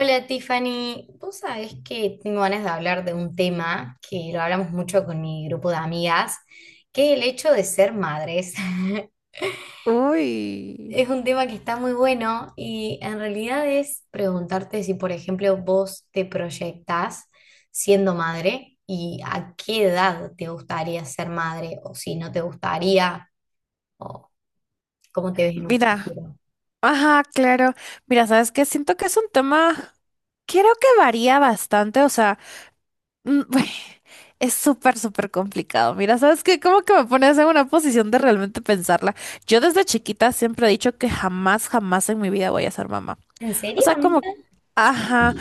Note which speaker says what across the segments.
Speaker 1: Hola Tiffany, vos sabés que tengo ganas de hablar de un tema que lo hablamos mucho con mi grupo de amigas, que es el hecho de ser madres.
Speaker 2: Uy,
Speaker 1: Es un tema que está muy bueno y en realidad es preguntarte si, por ejemplo, vos te proyectás siendo madre y a qué edad te gustaría ser madre o si no te gustaría o cómo te ves en un
Speaker 2: mira,
Speaker 1: futuro.
Speaker 2: ajá, claro. Mira, ¿sabes qué? Siento que es un tema, creo que varía bastante, o sea, mm, es súper, súper complicado. Mira, ¿sabes qué? Como que me pones en una posición de realmente pensarla. Yo desde chiquita siempre he dicho que jamás, jamás en mi vida voy a ser mamá.
Speaker 1: ¿En
Speaker 2: O
Speaker 1: serio,
Speaker 2: sea, como,
Speaker 1: amiga? Sí.
Speaker 2: ajá,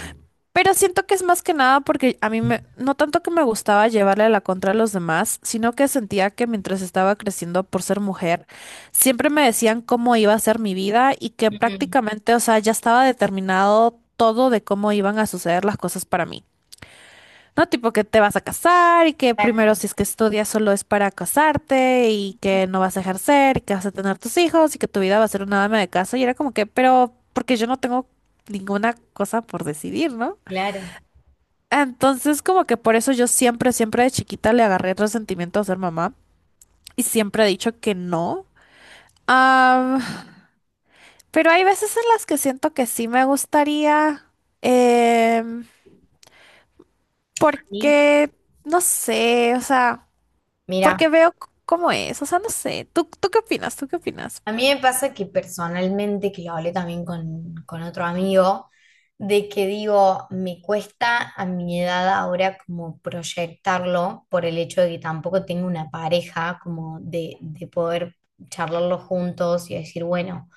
Speaker 2: pero siento que es más que nada porque a mí me, no tanto que me gustaba llevarle la contra a los demás, sino que sentía que mientras estaba creciendo por ser mujer, siempre me decían cómo iba a ser mi vida y que
Speaker 1: Mm.
Speaker 2: prácticamente, o sea, ya estaba determinado todo de cómo iban a suceder las cosas para mí. No, tipo que te vas a casar y que primero
Speaker 1: Exacto.
Speaker 2: si es que estudias solo es para casarte y que no vas a ejercer y que vas a tener tus hijos y que tu vida va a ser una dama de casa. Y era como que, pero porque yo no tengo ninguna cosa por decidir, ¿no?
Speaker 1: Claro.
Speaker 2: Entonces, como que por eso yo siempre, siempre de chiquita le agarré resentimiento a ser mamá y siempre he dicho que no. Am, pero hay veces en las que siento que sí me gustaría, em,
Speaker 1: A mí,
Speaker 2: porque, no sé, o sea,
Speaker 1: mira.
Speaker 2: porque veo cómo es, o sea, no sé, ¿tú qué opinas? ¿Tú qué opinas?
Speaker 1: A mí me pasa que personalmente, que lo hablé también con otro amigo, de que digo, me cuesta a mi edad ahora como proyectarlo por el hecho de que tampoco tengo una pareja, como de poder charlarlo juntos y decir, bueno,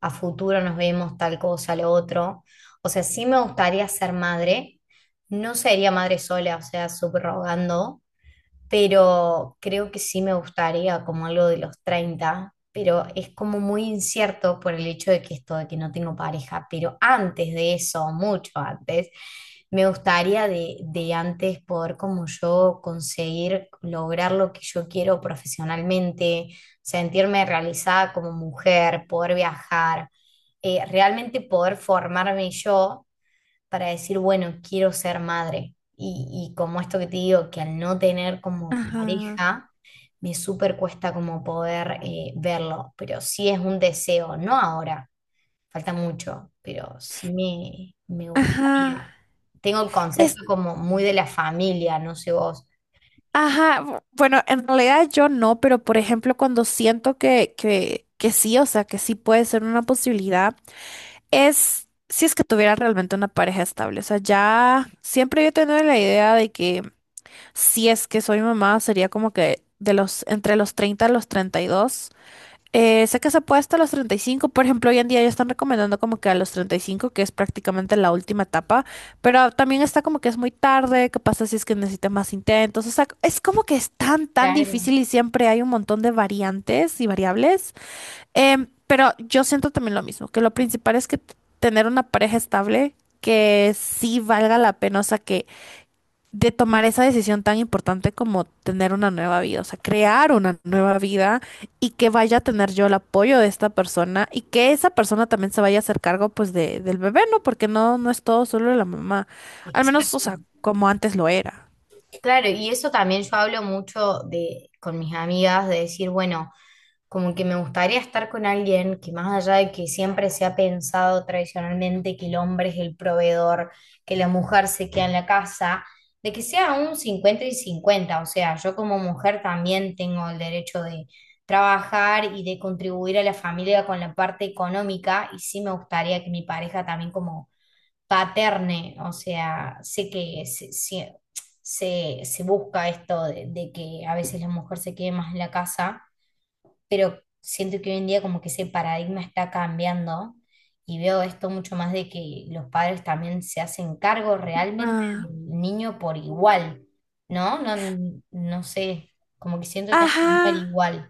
Speaker 1: a futuro nos vemos tal cosa, lo otro. O sea, sí me gustaría ser madre, no sería madre sola, o sea, subrogando, pero creo que sí me gustaría como algo de los 30, pero es como muy incierto por el hecho de que esto, de que no tengo pareja, pero antes de eso, mucho antes, me gustaría de antes poder como yo conseguir lograr lo que yo quiero profesionalmente, sentirme realizada como mujer, poder viajar, realmente poder formarme yo para decir, bueno, quiero ser madre. Y como esto que te digo, que al no tener como
Speaker 2: Ajá,
Speaker 1: pareja, me súper cuesta como poder verlo, pero sí es un deseo, no ahora, falta mucho, pero sí me
Speaker 2: ajá.
Speaker 1: gustaría. Tengo el
Speaker 2: Es,
Speaker 1: concepto como muy de la familia, no sé vos.
Speaker 2: ajá, bueno, en realidad yo no, pero por ejemplo, cuando siento que sí, o sea, que sí puede ser una posibilidad. Es si es que tuviera realmente una pareja estable. O sea, ya siempre yo he tenido la idea de que si es que soy mamá, sería como que de los, entre los 30 a los 32. Sé que se puede hasta los 35 por ejemplo, hoy en día ya están recomendando como que a los 35 que es prácticamente la última etapa, pero también está como que es muy tarde, qué pasa si es que necesitas más intentos, o sea, es como que es tan, tan
Speaker 1: Claro.
Speaker 2: difícil y siempre hay un montón de variantes y variables. Pero yo siento también lo mismo, que lo principal es que tener una pareja estable que sí valga la pena, o sea, que de tomar esa decisión tan importante como tener una nueva vida, o sea, crear una nueva vida y que vaya a tener yo el apoyo de esta persona y que esa persona también se vaya a hacer cargo pues de, del bebé, ¿no? Porque no, no es todo solo la mamá, al menos, o
Speaker 1: Exacto.
Speaker 2: sea, como antes lo era.
Speaker 1: Claro, y eso también yo hablo mucho con mis amigas de decir, bueno, como que me gustaría estar con alguien que más allá de que siempre se ha pensado tradicionalmente que el hombre es el proveedor, que la mujer se queda en la casa, de que sea un 50 y cincuenta, o sea, yo como mujer también tengo el derecho de trabajar y de contribuir a la familia con la parte económica y sí me gustaría que mi pareja también como paterne, o sea, sé que se busca esto de que a veces la mujer se quede más en la casa, pero siento que hoy en día como que ese paradigma está cambiando y veo esto mucho más de que los padres también se hacen cargo realmente
Speaker 2: Ah,
Speaker 1: del niño por igual, ¿no? No, no sé, como que siento que antes
Speaker 2: Ajá,
Speaker 1: no era igual.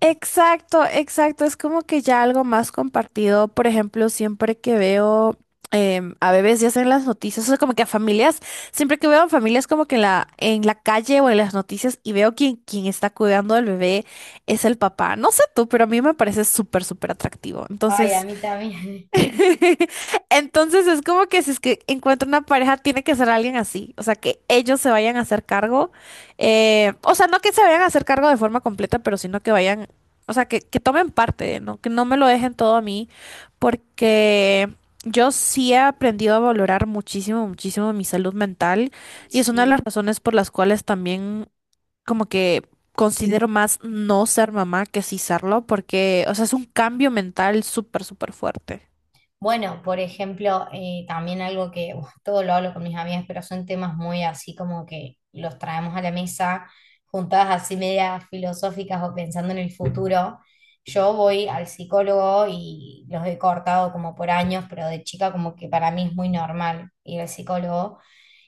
Speaker 2: exacto, exacto. Es como que ya algo más compartido. Por ejemplo, siempre que veo a bebés ya sea en las noticias, o sea, como que a familias, siempre que veo a familias como que en la calle o en las noticias y veo quien está cuidando al bebé es el papá. No sé tú, pero a mí me parece súper, súper atractivo.
Speaker 1: Ay, a
Speaker 2: Entonces,
Speaker 1: mí también.
Speaker 2: entonces es como que si es que encuentra una pareja, tiene que ser alguien así, o sea, que ellos se vayan a hacer cargo, o sea, no que se vayan a hacer cargo de forma completa, pero sino que vayan, o sea, que tomen parte, ¿no? Que no me lo dejen todo a mí, porque yo sí he aprendido a valorar muchísimo, muchísimo mi salud mental y es una de
Speaker 1: Sí.
Speaker 2: las razones por las cuales también como que. Considero más no ser mamá que sí serlo, porque, o sea, es un cambio mental súper, súper fuerte.
Speaker 1: Bueno, por ejemplo, también algo que uf, todo lo hablo con mis amigas, pero son temas muy así como que los traemos a la mesa, juntadas así medias filosóficas o pensando en el futuro. Yo voy al psicólogo y los he cortado como por años, pero de chica como que para mí es muy normal ir al psicólogo.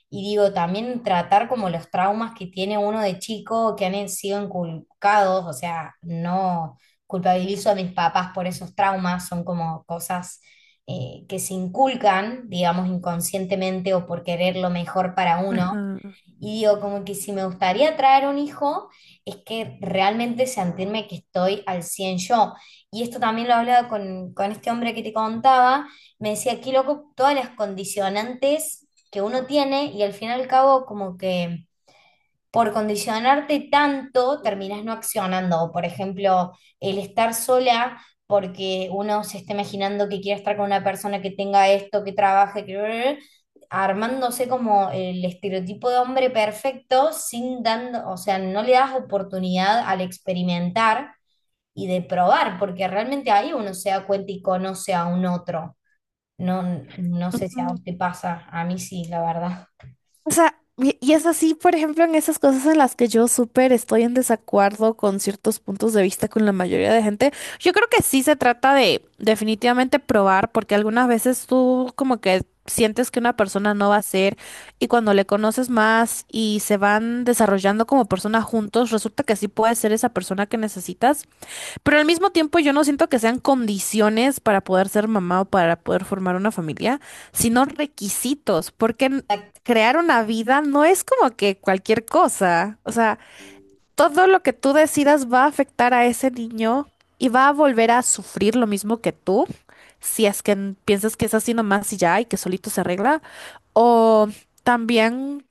Speaker 1: Y digo, también tratar como los traumas que tiene uno de chico, que han sido inculcados, o sea, no culpabilizo a mis papás por esos traumas, son como cosas que se inculcan, digamos, inconscientemente o por querer lo mejor para uno.
Speaker 2: Ajá.
Speaker 1: Y digo, como que si me gustaría traer un hijo, es que realmente sentirme que estoy al 100 yo. Y esto también lo hablaba con este hombre que te contaba, me decía, aquí loco, todas las condicionantes que uno tiene y al fin y al cabo como que por condicionarte tanto, terminás no accionando. Por ejemplo, el estar sola porque uno se está imaginando que quiere estar con una persona que tenga esto, que trabaje, armándose como el estereotipo de hombre perfecto sin dando, o sea, no le das oportunidad al experimentar y de probar, porque realmente ahí uno se da cuenta y conoce a un otro. No, no sé si a vos
Speaker 2: Ujú.
Speaker 1: te pasa, a mí sí, la verdad.
Speaker 2: O sea, y es así, por ejemplo, en esas cosas en las que yo súper estoy en desacuerdo con ciertos puntos de vista con la mayoría de gente. Yo creo que sí se trata de definitivamente probar, porque algunas veces tú como que sientes que una persona no va a ser y cuando le conoces más y se van desarrollando como persona juntos, resulta que sí puede ser esa persona que necesitas. Pero al mismo tiempo yo no siento que sean condiciones para poder ser mamá o para poder formar una familia, sino requisitos, porque crear una vida no es como que cualquier cosa. O sea, todo lo que tú decidas va a afectar a ese niño y va a volver a sufrir lo mismo que tú, si es que piensas que es así nomás y ya y que solito se arregla, o también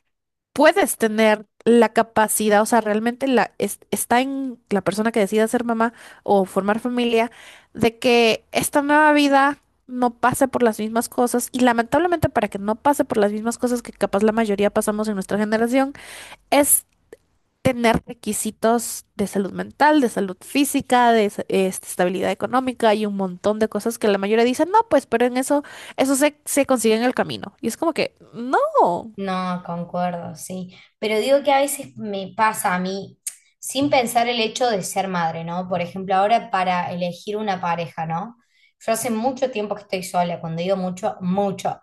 Speaker 2: puedes tener la capacidad, o sea, realmente la, está en la persona que decida ser mamá o formar familia, de que esta nueva vida no pase por las mismas cosas y lamentablemente para que no pase por las mismas cosas que capaz la mayoría pasamos en nuestra generación, es tener requisitos de salud mental, de salud física, de estabilidad económica y un montón de cosas que la mayoría dicen, no, pues, pero en eso, eso se consigue en el camino. Y es como que, no.
Speaker 1: No, concuerdo, sí. Pero digo que a veces me pasa a mí, sin pensar el hecho de ser madre, ¿no? Por ejemplo, ahora para elegir una pareja, ¿no? Yo hace mucho tiempo que estoy sola, cuando digo mucho, mucho.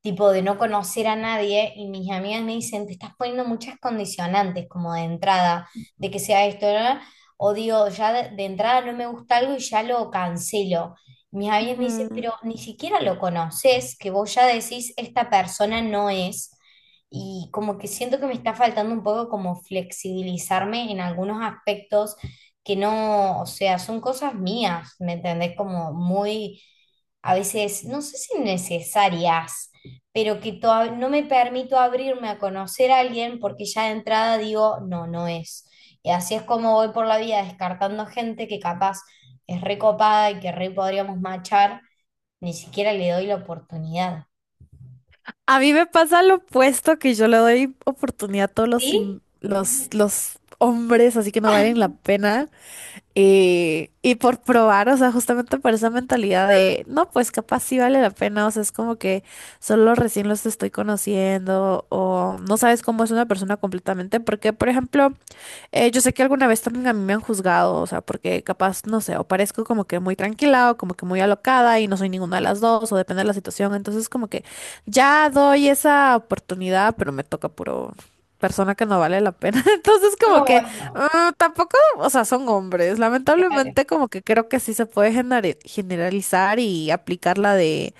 Speaker 1: Tipo de no conocer a nadie y mis amigas me dicen, te estás poniendo muchas condicionantes, como de entrada, de que sea esto, ¿no? O digo, ya de entrada no me gusta algo y ya lo cancelo. Mis amigas me dicen, pero ni siquiera lo conoces, que vos ya decís, esta persona no es, y como que siento que me está faltando un poco como flexibilizarme en algunos aspectos que no, o sea, son cosas mías, ¿me entendés? Como muy, a veces, no sé si necesarias, pero que no me permito abrirme a conocer a alguien porque ya de entrada digo, no, no es. Y así es como voy por la vida descartando gente que capaz es recopada y que re podríamos machar, ni siquiera le doy la oportunidad.
Speaker 2: A mí me pasa lo opuesto, que yo le doy oportunidad a todos los,
Speaker 1: ¿Sí?
Speaker 2: los hombres, así que no valen la pena. Y por probar, o sea, justamente por esa mentalidad de, no, pues capaz sí vale la pena, o sea, es como que solo recién los estoy conociendo o no sabes cómo es una persona completamente, porque, por ejemplo, yo sé que alguna vez también a mí me han juzgado, o sea, porque capaz, no sé, o parezco como que muy tranquila o como que muy alocada y no soy ninguna de las dos, o depende de la situación. Entonces, como que ya doy esa oportunidad, pero me toca puro persona que no vale la pena. Entonces, como que
Speaker 1: Ay, no.
Speaker 2: tampoco, o sea, son hombres.
Speaker 1: Claro,
Speaker 2: Lamentablemente, como que creo que sí se puede generalizar y aplicar la de,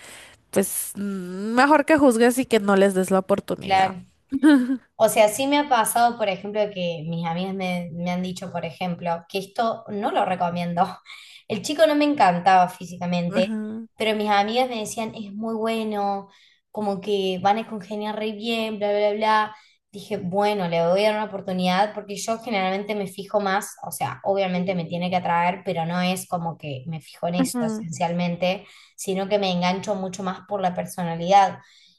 Speaker 2: pues, mejor que juzgues y que no les des la oportunidad.
Speaker 1: claro. O sea, sí me ha pasado, por ejemplo, que mis amigas me han dicho, por ejemplo, que esto no lo recomiendo. El chico no me encantaba físicamente,
Speaker 2: Ajá,
Speaker 1: pero mis amigas me decían, es muy bueno, como que van a congeniar re bien, bla, bla, bla. Dije, bueno, le voy a dar una oportunidad porque yo generalmente me fijo más, o sea, obviamente me tiene que atraer, pero no es como que me fijo en eso
Speaker 2: ajá,
Speaker 1: esencialmente, sino que me engancho mucho más por la personalidad.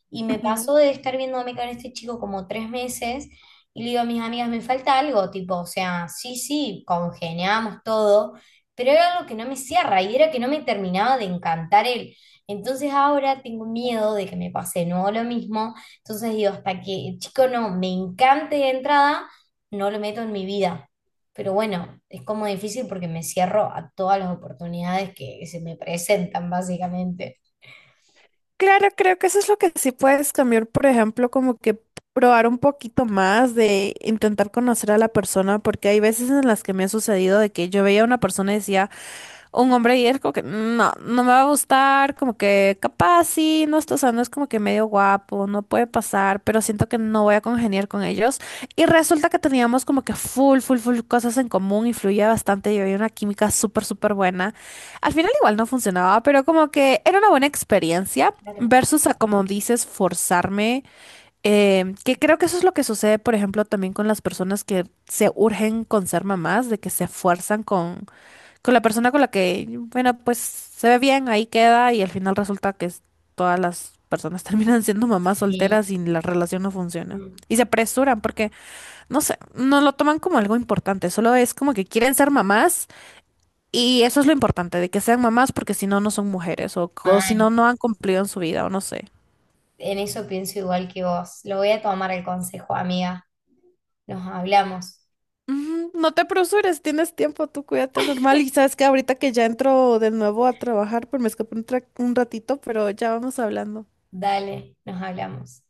Speaker 1: Y me
Speaker 2: ajá.
Speaker 1: pasó de estar viéndome con este chico como 3 meses y le digo a mis amigas, me falta algo, tipo, o sea, sí, sí, congeniamos todo, pero era algo que no me cierra y era que no me terminaba de encantar él. Entonces ahora tengo miedo de que me pase de nuevo lo mismo. Entonces digo, hasta que el chico no me encante de entrada, no lo meto en mi vida. Pero bueno, es como difícil porque me cierro a todas las oportunidades que se me presentan, básicamente.
Speaker 2: Claro, creo que eso es lo que sí puedes cambiar, por ejemplo, como que probar un poquito más de intentar conocer a la persona, porque hay veces en las que me ha sucedido de que yo veía a una persona y decía, un hombre y es como que no, no me va a gustar, como que capaz sí, no está, o sea, no es como que medio guapo, no puede pasar, pero siento que no voy a congeniar con ellos. Y resulta que teníamos como que full, full, full cosas en común, influía bastante y había una química súper, súper buena. Al final igual no funcionaba, pero como que era una buena experiencia.
Speaker 1: Claro.
Speaker 2: Versus a, como dices, forzarme, que creo que eso es lo que sucede, por ejemplo, también con las personas que se urgen con ser mamás, de que se fuerzan con la persona con la que, bueno, pues se ve bien, ahí queda y al final resulta que todas las personas terminan siendo mamás
Speaker 1: Sí.
Speaker 2: solteras y la relación no funciona.
Speaker 1: Mm.
Speaker 2: Y se apresuran porque, no sé, no lo toman como algo importante, solo es como que quieren ser mamás y eso es lo importante, de que sean mamás porque si no, no son mujeres o, si no,
Speaker 1: Mal.
Speaker 2: no han cumplido en su vida o no sé.
Speaker 1: En eso pienso igual que vos. Lo voy a tomar el consejo, amiga. Nos hablamos.
Speaker 2: Ujú, no te apresures, tienes tiempo, tú cuídate normal. Y sabes que ahorita que ya entro de nuevo a trabajar, pues me escapé un ratito, pero ya vamos hablando.
Speaker 1: Dale, nos hablamos.